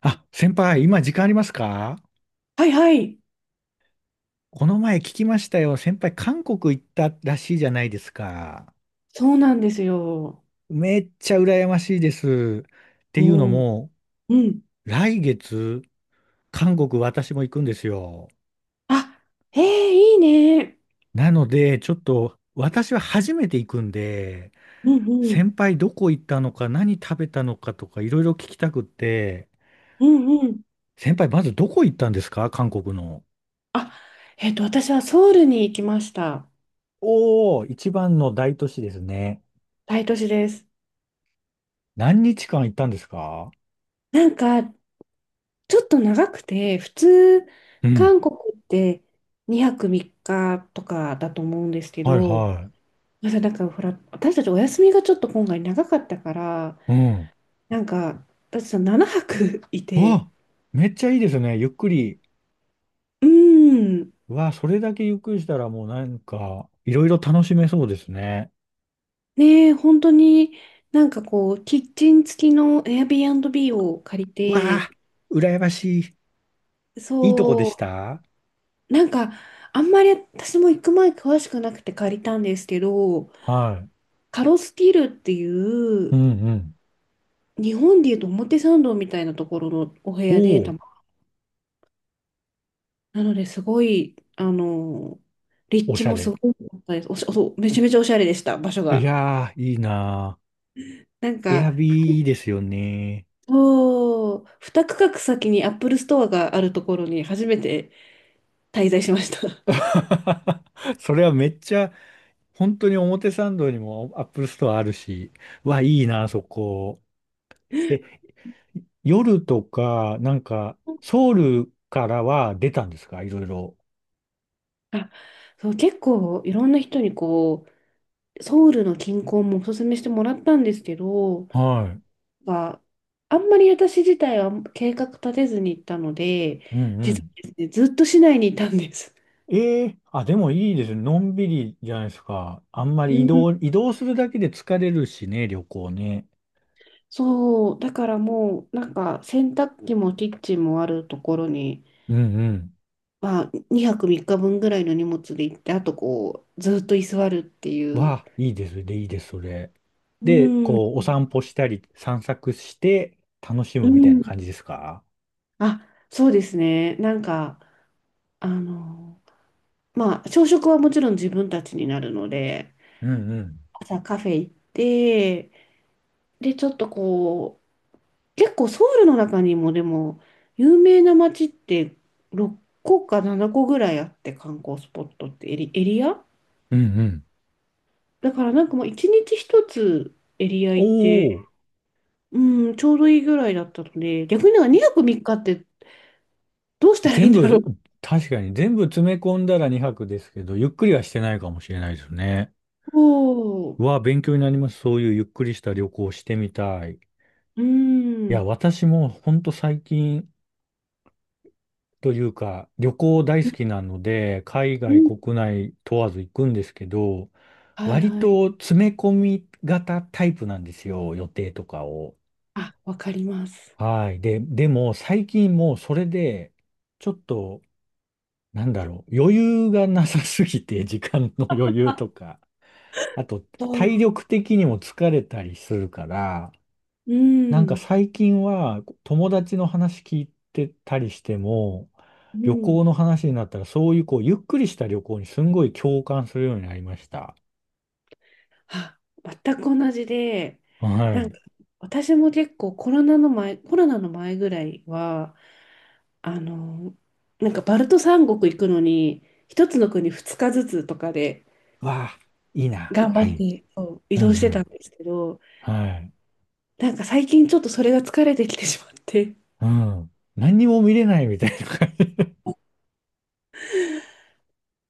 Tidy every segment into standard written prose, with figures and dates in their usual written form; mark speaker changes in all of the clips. Speaker 1: あ、先輩、今時間ありますか？
Speaker 2: はいはい。
Speaker 1: この前聞きましたよ。先輩、韓国行ったらしいじゃないですか。
Speaker 2: そうなんですよ。
Speaker 1: めっちゃ羨ましいです。っていうの
Speaker 2: おお、
Speaker 1: も、
Speaker 2: うん、
Speaker 1: 来月、韓国私も行くんですよ。
Speaker 2: あ、ええ、いいね。
Speaker 1: なので、ちょっと私は初めて行くんで、
Speaker 2: うんうん、
Speaker 1: 先輩どこ行ったのか、何食べたのかとか、いろいろ聞きたくって、
Speaker 2: うんうん。
Speaker 1: 先輩、まずどこ行ったんですか韓国の？
Speaker 2: あ、私はソウルに行きました。
Speaker 1: おー、一番の大都市ですね。
Speaker 2: 大都市です。
Speaker 1: 何日間行ったんですか？
Speaker 2: なんか、ちょっと長くて、普通、
Speaker 1: うん。
Speaker 2: 韓国って2泊3日とかだと思うんですけ
Speaker 1: はい
Speaker 2: ど、
Speaker 1: は
Speaker 2: なんかほら、私たちお休みがちょっと今回長かったから、
Speaker 1: い。うん。
Speaker 2: なんか、私は7泊い
Speaker 1: う
Speaker 2: て、
Speaker 1: わ、めっちゃいいですね。ゆっくり。
Speaker 2: うーん。
Speaker 1: うわ、それだけゆっくりしたらもうなんか、いろいろ楽しめそうですね。
Speaker 2: ねえ、本当になんかこう、キッチン付きの Airbnb を借り
Speaker 1: うわ
Speaker 2: て、
Speaker 1: あ、羨ましい。いいとこでし
Speaker 2: そ
Speaker 1: た？
Speaker 2: う、なんかあんまり私も行く前詳しくなくて借りたんですけど、
Speaker 1: はい。
Speaker 2: カロスティルってい
Speaker 1: う
Speaker 2: う、
Speaker 1: んうん。
Speaker 2: 日本でいうと表参道みたいなところのお部
Speaker 1: お
Speaker 2: 屋で
Speaker 1: お、
Speaker 2: なのですごい、立
Speaker 1: お
Speaker 2: 地
Speaker 1: しゃ
Speaker 2: もす
Speaker 1: れ。
Speaker 2: ごい良かったです。おし、おそうめちゃめちゃおしゃれでした、場所
Speaker 1: い
Speaker 2: が。
Speaker 1: やー、いいな
Speaker 2: なん
Speaker 1: ー。エ
Speaker 2: か、
Speaker 1: アビーですよね。
Speaker 2: そう、2区画先にアップルストアがあるところに初めて滞在しました。
Speaker 1: それはめっちゃ、本当に表参道にもアップルストアあるし。うわ、いいなー、そこ。え、夜とか、なんか、ソウルからは出たんですか？いろいろ。
Speaker 2: あ、そう、結構いろんな人にこう、ソウルの近郊もおすすめしてもらったんですけど、
Speaker 1: はい。
Speaker 2: まあ、あんまり私自体は計画立てずに行ったので、
Speaker 1: うんう
Speaker 2: 実
Speaker 1: ん。
Speaker 2: はですね、ずっと市内にいたんです。
Speaker 1: ええ、あ、でもいいですね。のんびりじゃないですか。あんま
Speaker 2: う
Speaker 1: り移
Speaker 2: ん、
Speaker 1: 動、移動するだけで疲れるしね、旅行ね。
Speaker 2: そう、だからもう、なんか洗濯機もキッチンもあるところに、
Speaker 1: うんうん。
Speaker 2: まあ、2泊3日分ぐらいの荷物で行って、あとこう、ずっと居座るっていう。
Speaker 1: わあ、いいですね。で、いいです、それ。
Speaker 2: う
Speaker 1: で、
Speaker 2: ん、
Speaker 1: こう、お散歩したり、散策して、楽し
Speaker 2: う
Speaker 1: むみたいな
Speaker 2: ん。
Speaker 1: 感じですか？
Speaker 2: あ、そうですね。なんか、あの、まあ、朝食はもちろん自分たちになるので、
Speaker 1: うんうん。
Speaker 2: 朝カフェ行って、で、ちょっとこう、結構ソウルの中にもでも、有名な街って6個か7個ぐらいあって、観光スポットってエリア
Speaker 1: うんうん。
Speaker 2: だからなんかもう1日1つエリア行って、
Speaker 1: おー、
Speaker 2: うん、ちょうどいいぐらいだったので、逆になんか2泊3日っかってどうしたらいい
Speaker 1: 全
Speaker 2: んだろう。
Speaker 1: 部、確かに全部詰め込んだら2泊ですけど、ゆっくりはしてないかもしれないですね。
Speaker 2: そ
Speaker 1: うわ、勉強になります。そういうゆっくりした旅行をしてみたい。い
Speaker 2: う、う
Speaker 1: や、
Speaker 2: ん、
Speaker 1: 私もほんと最近というか、旅行大好きなので、海
Speaker 2: う
Speaker 1: 外、
Speaker 2: ん、
Speaker 1: 国内問わず行くんですけど、
Speaker 2: はい
Speaker 1: 割
Speaker 2: はい。
Speaker 1: と詰め込み型タイプなんですよ、予定とかを。
Speaker 2: あ、わかります。
Speaker 1: はい。でも最近もうそれで、ちょっと、なんだろう、余裕がなさすぎて、時間の余裕とか。あと、
Speaker 2: そ
Speaker 1: 体
Speaker 2: う、
Speaker 1: 力的にも疲れたりするから、
Speaker 2: う
Speaker 1: なんか
Speaker 2: ん、
Speaker 1: 最近は友達の話聞いてたりしても、
Speaker 2: う
Speaker 1: 旅
Speaker 2: ん。
Speaker 1: 行の話になったら、そういうこう、ゆっくりした旅行にすんごい共感するようになりました。
Speaker 2: あ、全く同じで、
Speaker 1: は
Speaker 2: なん
Speaker 1: い。
Speaker 2: か私も結構コロナの前ぐらいは、あの、なんかバルト三国行くのに、一つの国二日ずつとかで
Speaker 1: わあ、いいな。
Speaker 2: 頑張
Speaker 1: は
Speaker 2: っ
Speaker 1: い。
Speaker 2: てそう移
Speaker 1: うんう
Speaker 2: 動してたん
Speaker 1: ん。
Speaker 2: ですけど、
Speaker 1: はい。
Speaker 2: なんか最近ちょっとそれが疲れてきてしまって。
Speaker 1: うん。何にも見れないみたいな感じ。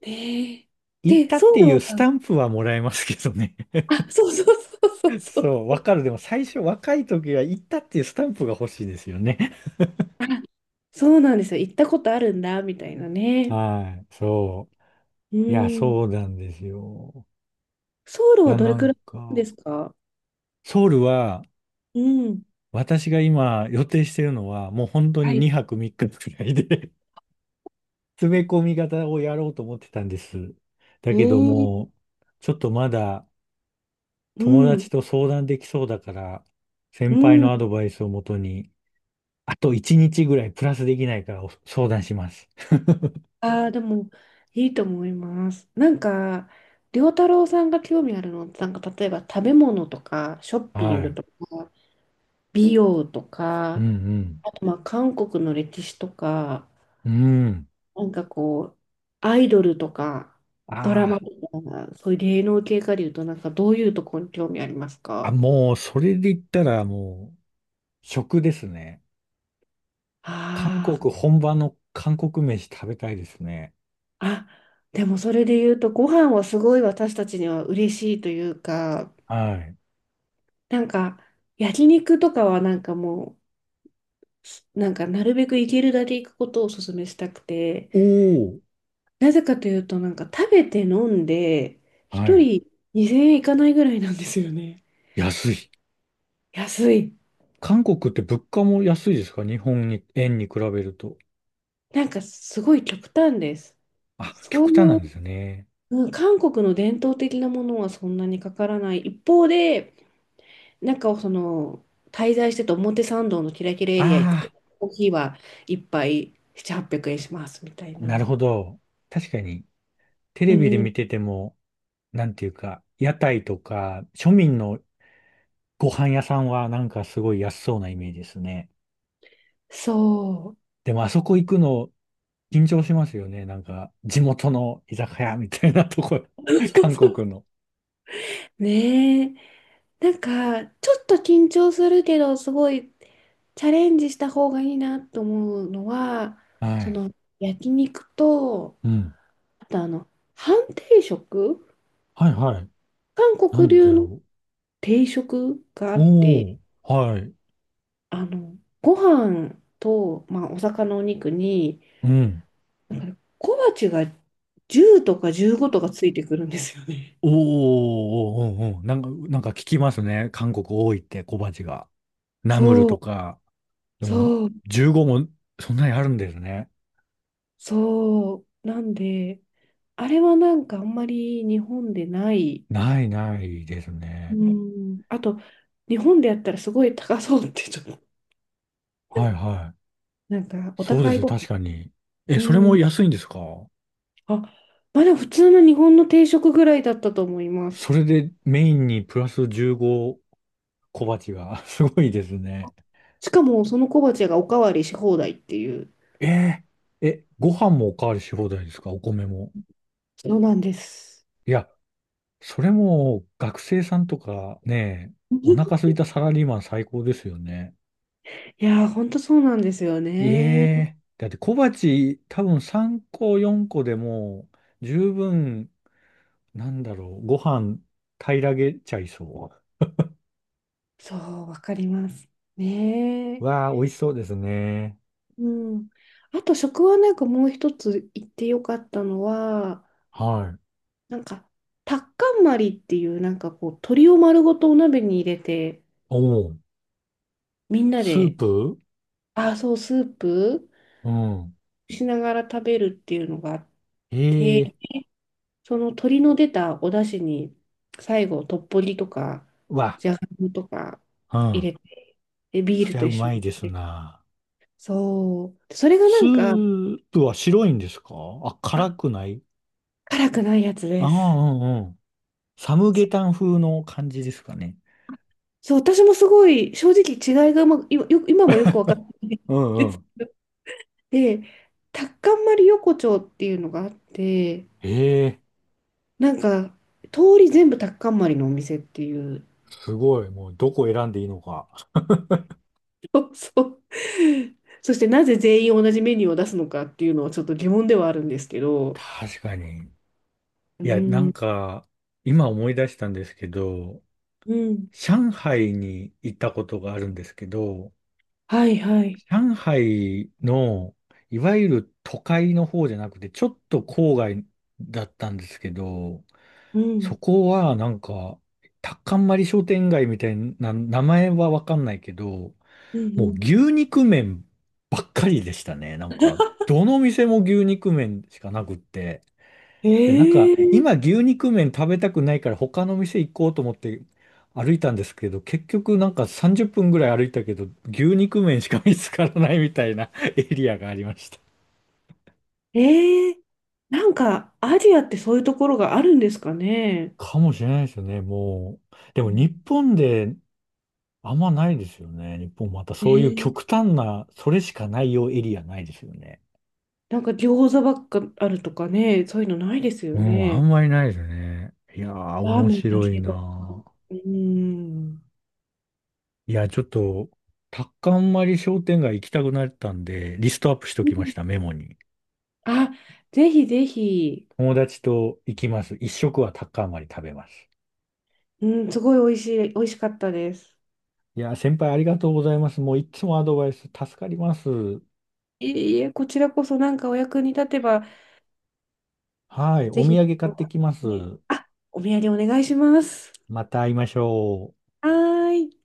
Speaker 2: ねえ。
Speaker 1: 行っ
Speaker 2: で、
Speaker 1: たっ
Speaker 2: ソウ
Speaker 1: て
Speaker 2: ル
Speaker 1: いうスタ
Speaker 2: は、
Speaker 1: ンプはもらえますけどね。
Speaker 2: あ、そうそうそうそう そ
Speaker 1: そう、
Speaker 2: う。
Speaker 1: わかる。でも最初若い時は行ったっていうスタンプが欲しいですよね。
Speaker 2: あ、そうなんですよ。行ったことあるんだ、みたいなね。
Speaker 1: はい。そう。
Speaker 2: う
Speaker 1: いや、
Speaker 2: ん。
Speaker 1: そうなんですよ。
Speaker 2: ソウル
Speaker 1: い
Speaker 2: は
Speaker 1: や、
Speaker 2: どれ
Speaker 1: な
Speaker 2: く
Speaker 1: ん
Speaker 2: らいで
Speaker 1: か、
Speaker 2: すか？
Speaker 1: ソウルは、
Speaker 2: うん。
Speaker 1: 私が今予定してるのは、もう本当に
Speaker 2: はい。
Speaker 1: 2泊3日くらいで 詰め込み型をやろうと思ってたんです。だけど
Speaker 2: ええ、
Speaker 1: も、ちょっとまだ
Speaker 2: う
Speaker 1: 友
Speaker 2: ん、
Speaker 1: 達と相談できそうだから、
Speaker 2: う
Speaker 1: 先輩のアド
Speaker 2: ん。
Speaker 1: バイスをもとに、あと1日ぐらいプラスできないからお相談します。
Speaker 2: ああ、でも、いいと思います。なんか、良太郎さんが興味あるのって、なんか、例えば食べ物とか、ショッピ
Speaker 1: は
Speaker 2: ング
Speaker 1: い。
Speaker 2: とか、美容と
Speaker 1: うんう
Speaker 2: か、
Speaker 1: ん。
Speaker 2: あと、まあ、韓国の歴史とか、
Speaker 1: うん。
Speaker 2: なんかこう、アイドルとか、ドラマ
Speaker 1: あ
Speaker 2: とか、そういう芸能系かでいうと、なんか、どういうところに興味ありますか？
Speaker 1: もう、それで言ったらもう、食ですね。韓
Speaker 2: あ
Speaker 1: 国、
Speaker 2: あー。
Speaker 1: 本場の韓国飯食べたいですね。
Speaker 2: あ、でもそれで言うと、ご飯はすごい私たちには嬉しいというか、
Speaker 1: はい。
Speaker 2: なんか、焼肉とかはなんかもう、なんかなるべく行けるだけ行くことをお勧めしたくて、
Speaker 1: おー。
Speaker 2: なぜかというと、なんか食べて飲んで、
Speaker 1: は
Speaker 2: 一
Speaker 1: い。
Speaker 2: 人2000円いかないぐらいなんですよね。
Speaker 1: 安い。
Speaker 2: 安い。
Speaker 1: 韓国って物価も安いですか？日本に、円に比べると。
Speaker 2: なんかすごい極端です。
Speaker 1: あ、
Speaker 2: そ
Speaker 1: 極
Speaker 2: う
Speaker 1: 端な
Speaker 2: いう、
Speaker 1: んですね。
Speaker 2: うん、韓国の伝統的なものはそんなにかからない。一方で、中を滞在してて表参道のキラキラエリア行く
Speaker 1: あ
Speaker 2: と、コーヒーは一杯7、800円しますみたい
Speaker 1: あ、なる
Speaker 2: な。
Speaker 1: ほど。確かに、テ
Speaker 2: う
Speaker 1: レビで
Speaker 2: ん、
Speaker 1: 見てても、なんていうか、屋台とか、庶民のご飯屋さんはなんかすごい安そうなイメージですね。
Speaker 2: そ
Speaker 1: でもあそこ行くの、緊張しますよね。なんか、地元の居酒屋みたいなとこ、韓国の。
Speaker 2: う。ねえ。なんか、ちょっと緊張するけど、すごいチャレンジした方がいいなと思うのは、
Speaker 1: は
Speaker 2: そ
Speaker 1: い。
Speaker 2: の、焼肉と、
Speaker 1: うん。
Speaker 2: あと、半定食、
Speaker 1: はいはい。
Speaker 2: 韓
Speaker 1: な
Speaker 2: 国
Speaker 1: んで
Speaker 2: 流
Speaker 1: だ
Speaker 2: の
Speaker 1: ろ
Speaker 2: 定食があ
Speaker 1: う。
Speaker 2: っ
Speaker 1: お
Speaker 2: て、
Speaker 1: ー、はい。
Speaker 2: ご飯と、まあ、お魚のお肉に、
Speaker 1: うん。
Speaker 2: だから小鉢が10とか15とかついてくるんですよね。
Speaker 1: おー、おー、おー、おー、なんか聞きますね。韓国多いって小鉢が。ナムル
Speaker 2: そう、
Speaker 1: とか。でも、
Speaker 2: そう、
Speaker 1: 15もそんなにあるんですね。
Speaker 2: そう。なんで、あれはなんかあんまり日本でない。
Speaker 1: ないないです
Speaker 2: う
Speaker 1: ね。
Speaker 2: ん。あと、日本でやったらすごい高そうってちょっと、
Speaker 1: はいはい。
Speaker 2: なんかお
Speaker 1: そうで
Speaker 2: 高
Speaker 1: す
Speaker 2: い
Speaker 1: よ、
Speaker 2: ご飯。
Speaker 1: 確かに。え、それ
Speaker 2: う
Speaker 1: も
Speaker 2: ん。
Speaker 1: 安いんですか？
Speaker 2: あ、まあでも普通の日本の定食ぐらいだったと思いま
Speaker 1: そ
Speaker 2: す。
Speaker 1: れでメインにプラス15小鉢が。すごいですね。
Speaker 2: しかもその小鉢がおかわりし放題っていう。
Speaker 1: えーえ、ご飯もおかわりし放題ですか？お米も。
Speaker 2: そうなんです。
Speaker 1: いや、それも学生さんとかね、お腹 空いたサラリーマン最高ですよね。
Speaker 2: いやー、ほんとそうなんですよ
Speaker 1: え
Speaker 2: ね。
Speaker 1: え、だって小鉢多分3個4個でも十分、なんだろう、ご飯平らげちゃいそ
Speaker 2: そう、わかります。ね
Speaker 1: う。
Speaker 2: え。
Speaker 1: わあ、美味しそうですね。
Speaker 2: うん。あと、食はなんかもう一つ言ってよかったのは、
Speaker 1: はい。
Speaker 2: なんか、タッカンマリっていう、なんかこう、鶏を丸ごとお鍋に入れて、
Speaker 1: おお、
Speaker 2: みんな
Speaker 1: スー
Speaker 2: で、
Speaker 1: プ、
Speaker 2: あ、そう、スープ
Speaker 1: うん。
Speaker 2: しながら食べるっていうのがあって、
Speaker 1: ええ、
Speaker 2: その鶏の出たお出汁に、最後、トッポギとか、
Speaker 1: わ、
Speaker 2: じゃがいもとか
Speaker 1: うん。
Speaker 2: 入れて、で、ビー
Speaker 1: そ
Speaker 2: ル
Speaker 1: りゃ
Speaker 2: と
Speaker 1: う
Speaker 2: 一緒
Speaker 1: まい
Speaker 2: に。
Speaker 1: ですな。
Speaker 2: そう。それがな
Speaker 1: ス
Speaker 2: んか、
Speaker 1: ープは白いんですか？あ、
Speaker 2: あ、
Speaker 1: 辛くない？
Speaker 2: 辛くないやつ
Speaker 1: あ
Speaker 2: です。
Speaker 1: あ、うん、サムゲ
Speaker 2: そ
Speaker 1: タン風の感じですかね。
Speaker 2: そう、私もすごい正直違いがうまく、今もよく分かってない
Speaker 1: う
Speaker 2: で
Speaker 1: んう
Speaker 2: す。
Speaker 1: ん。
Speaker 2: で、タッカンマリ横丁っていうのがあって、
Speaker 1: ええ、
Speaker 2: なんか通り全部タッカンマリのお店っていう、
Speaker 1: すごい。もうどこ選んでいいのか。
Speaker 2: そうそう。そしてなぜ全員同じメニューを出すのかっていうのはちょっと疑問ではあるんですけど、
Speaker 1: 確かに。
Speaker 2: う
Speaker 1: いや、なん
Speaker 2: ん、
Speaker 1: か、今思い出したんですけど、
Speaker 2: うん、
Speaker 1: 上海に行ったことがあるんですけど、
Speaker 2: はいはい、
Speaker 1: 上海の、いわゆる都会の方じゃなくて、ちょっと郊外だったんですけど、
Speaker 2: う
Speaker 1: そ
Speaker 2: ん、
Speaker 1: こはなんか、タッカンマリ商店街みたいな、名前はわかんないけど、
Speaker 2: うん、
Speaker 1: も
Speaker 2: う
Speaker 1: う
Speaker 2: ん。
Speaker 1: 牛肉麺ばっかりでしたね。なんか、どの店も牛肉麺しかなくって。
Speaker 2: え
Speaker 1: いや、なんか、
Speaker 2: ー、
Speaker 1: 今牛肉麺食べたくないから他の店行こうと思って歩いたんですけど、結局なんか30分ぐらい歩いたけど、牛肉麺しか見つからないみたいな エリアがありました。
Speaker 2: えー、なんかアジアってそういうところがあるんですかね。
Speaker 1: かもしれないですよね、もう。で
Speaker 2: う
Speaker 1: も日
Speaker 2: ん。
Speaker 1: 本であんまないですよね。日本またそういう
Speaker 2: ね、
Speaker 1: 極端な、それしかないようエリアないですよね。
Speaker 2: なんか餃子ばっかあるとかね、そういうのないですよ
Speaker 1: うん、あ
Speaker 2: ね。
Speaker 1: んまりないですね。いやー、
Speaker 2: ラー
Speaker 1: 面
Speaker 2: メンだ
Speaker 1: 白い
Speaker 2: け
Speaker 1: な
Speaker 2: だ。
Speaker 1: ー。
Speaker 2: うん。
Speaker 1: いや、ちょっと、タッカンマリ商店街行きたくなったんで、リストアップしと
Speaker 2: う
Speaker 1: きま
Speaker 2: ん。
Speaker 1: した、メモに。
Speaker 2: あ、ぜひぜひ。
Speaker 1: 友達と行きます。一食はタッカンマリ食べます。
Speaker 2: うん、すごい美味しかったです。
Speaker 1: いやー、先輩ありがとうございます。もういつもアドバイス助かります。
Speaker 2: いえいえ、こちらこそなんかお役に立てば、
Speaker 1: はい、
Speaker 2: ぜ
Speaker 1: お
Speaker 2: ひ、
Speaker 1: 土産買ってきます。
Speaker 2: ね、あ、お土産お願いします。
Speaker 1: また会いましょう。
Speaker 2: はーい。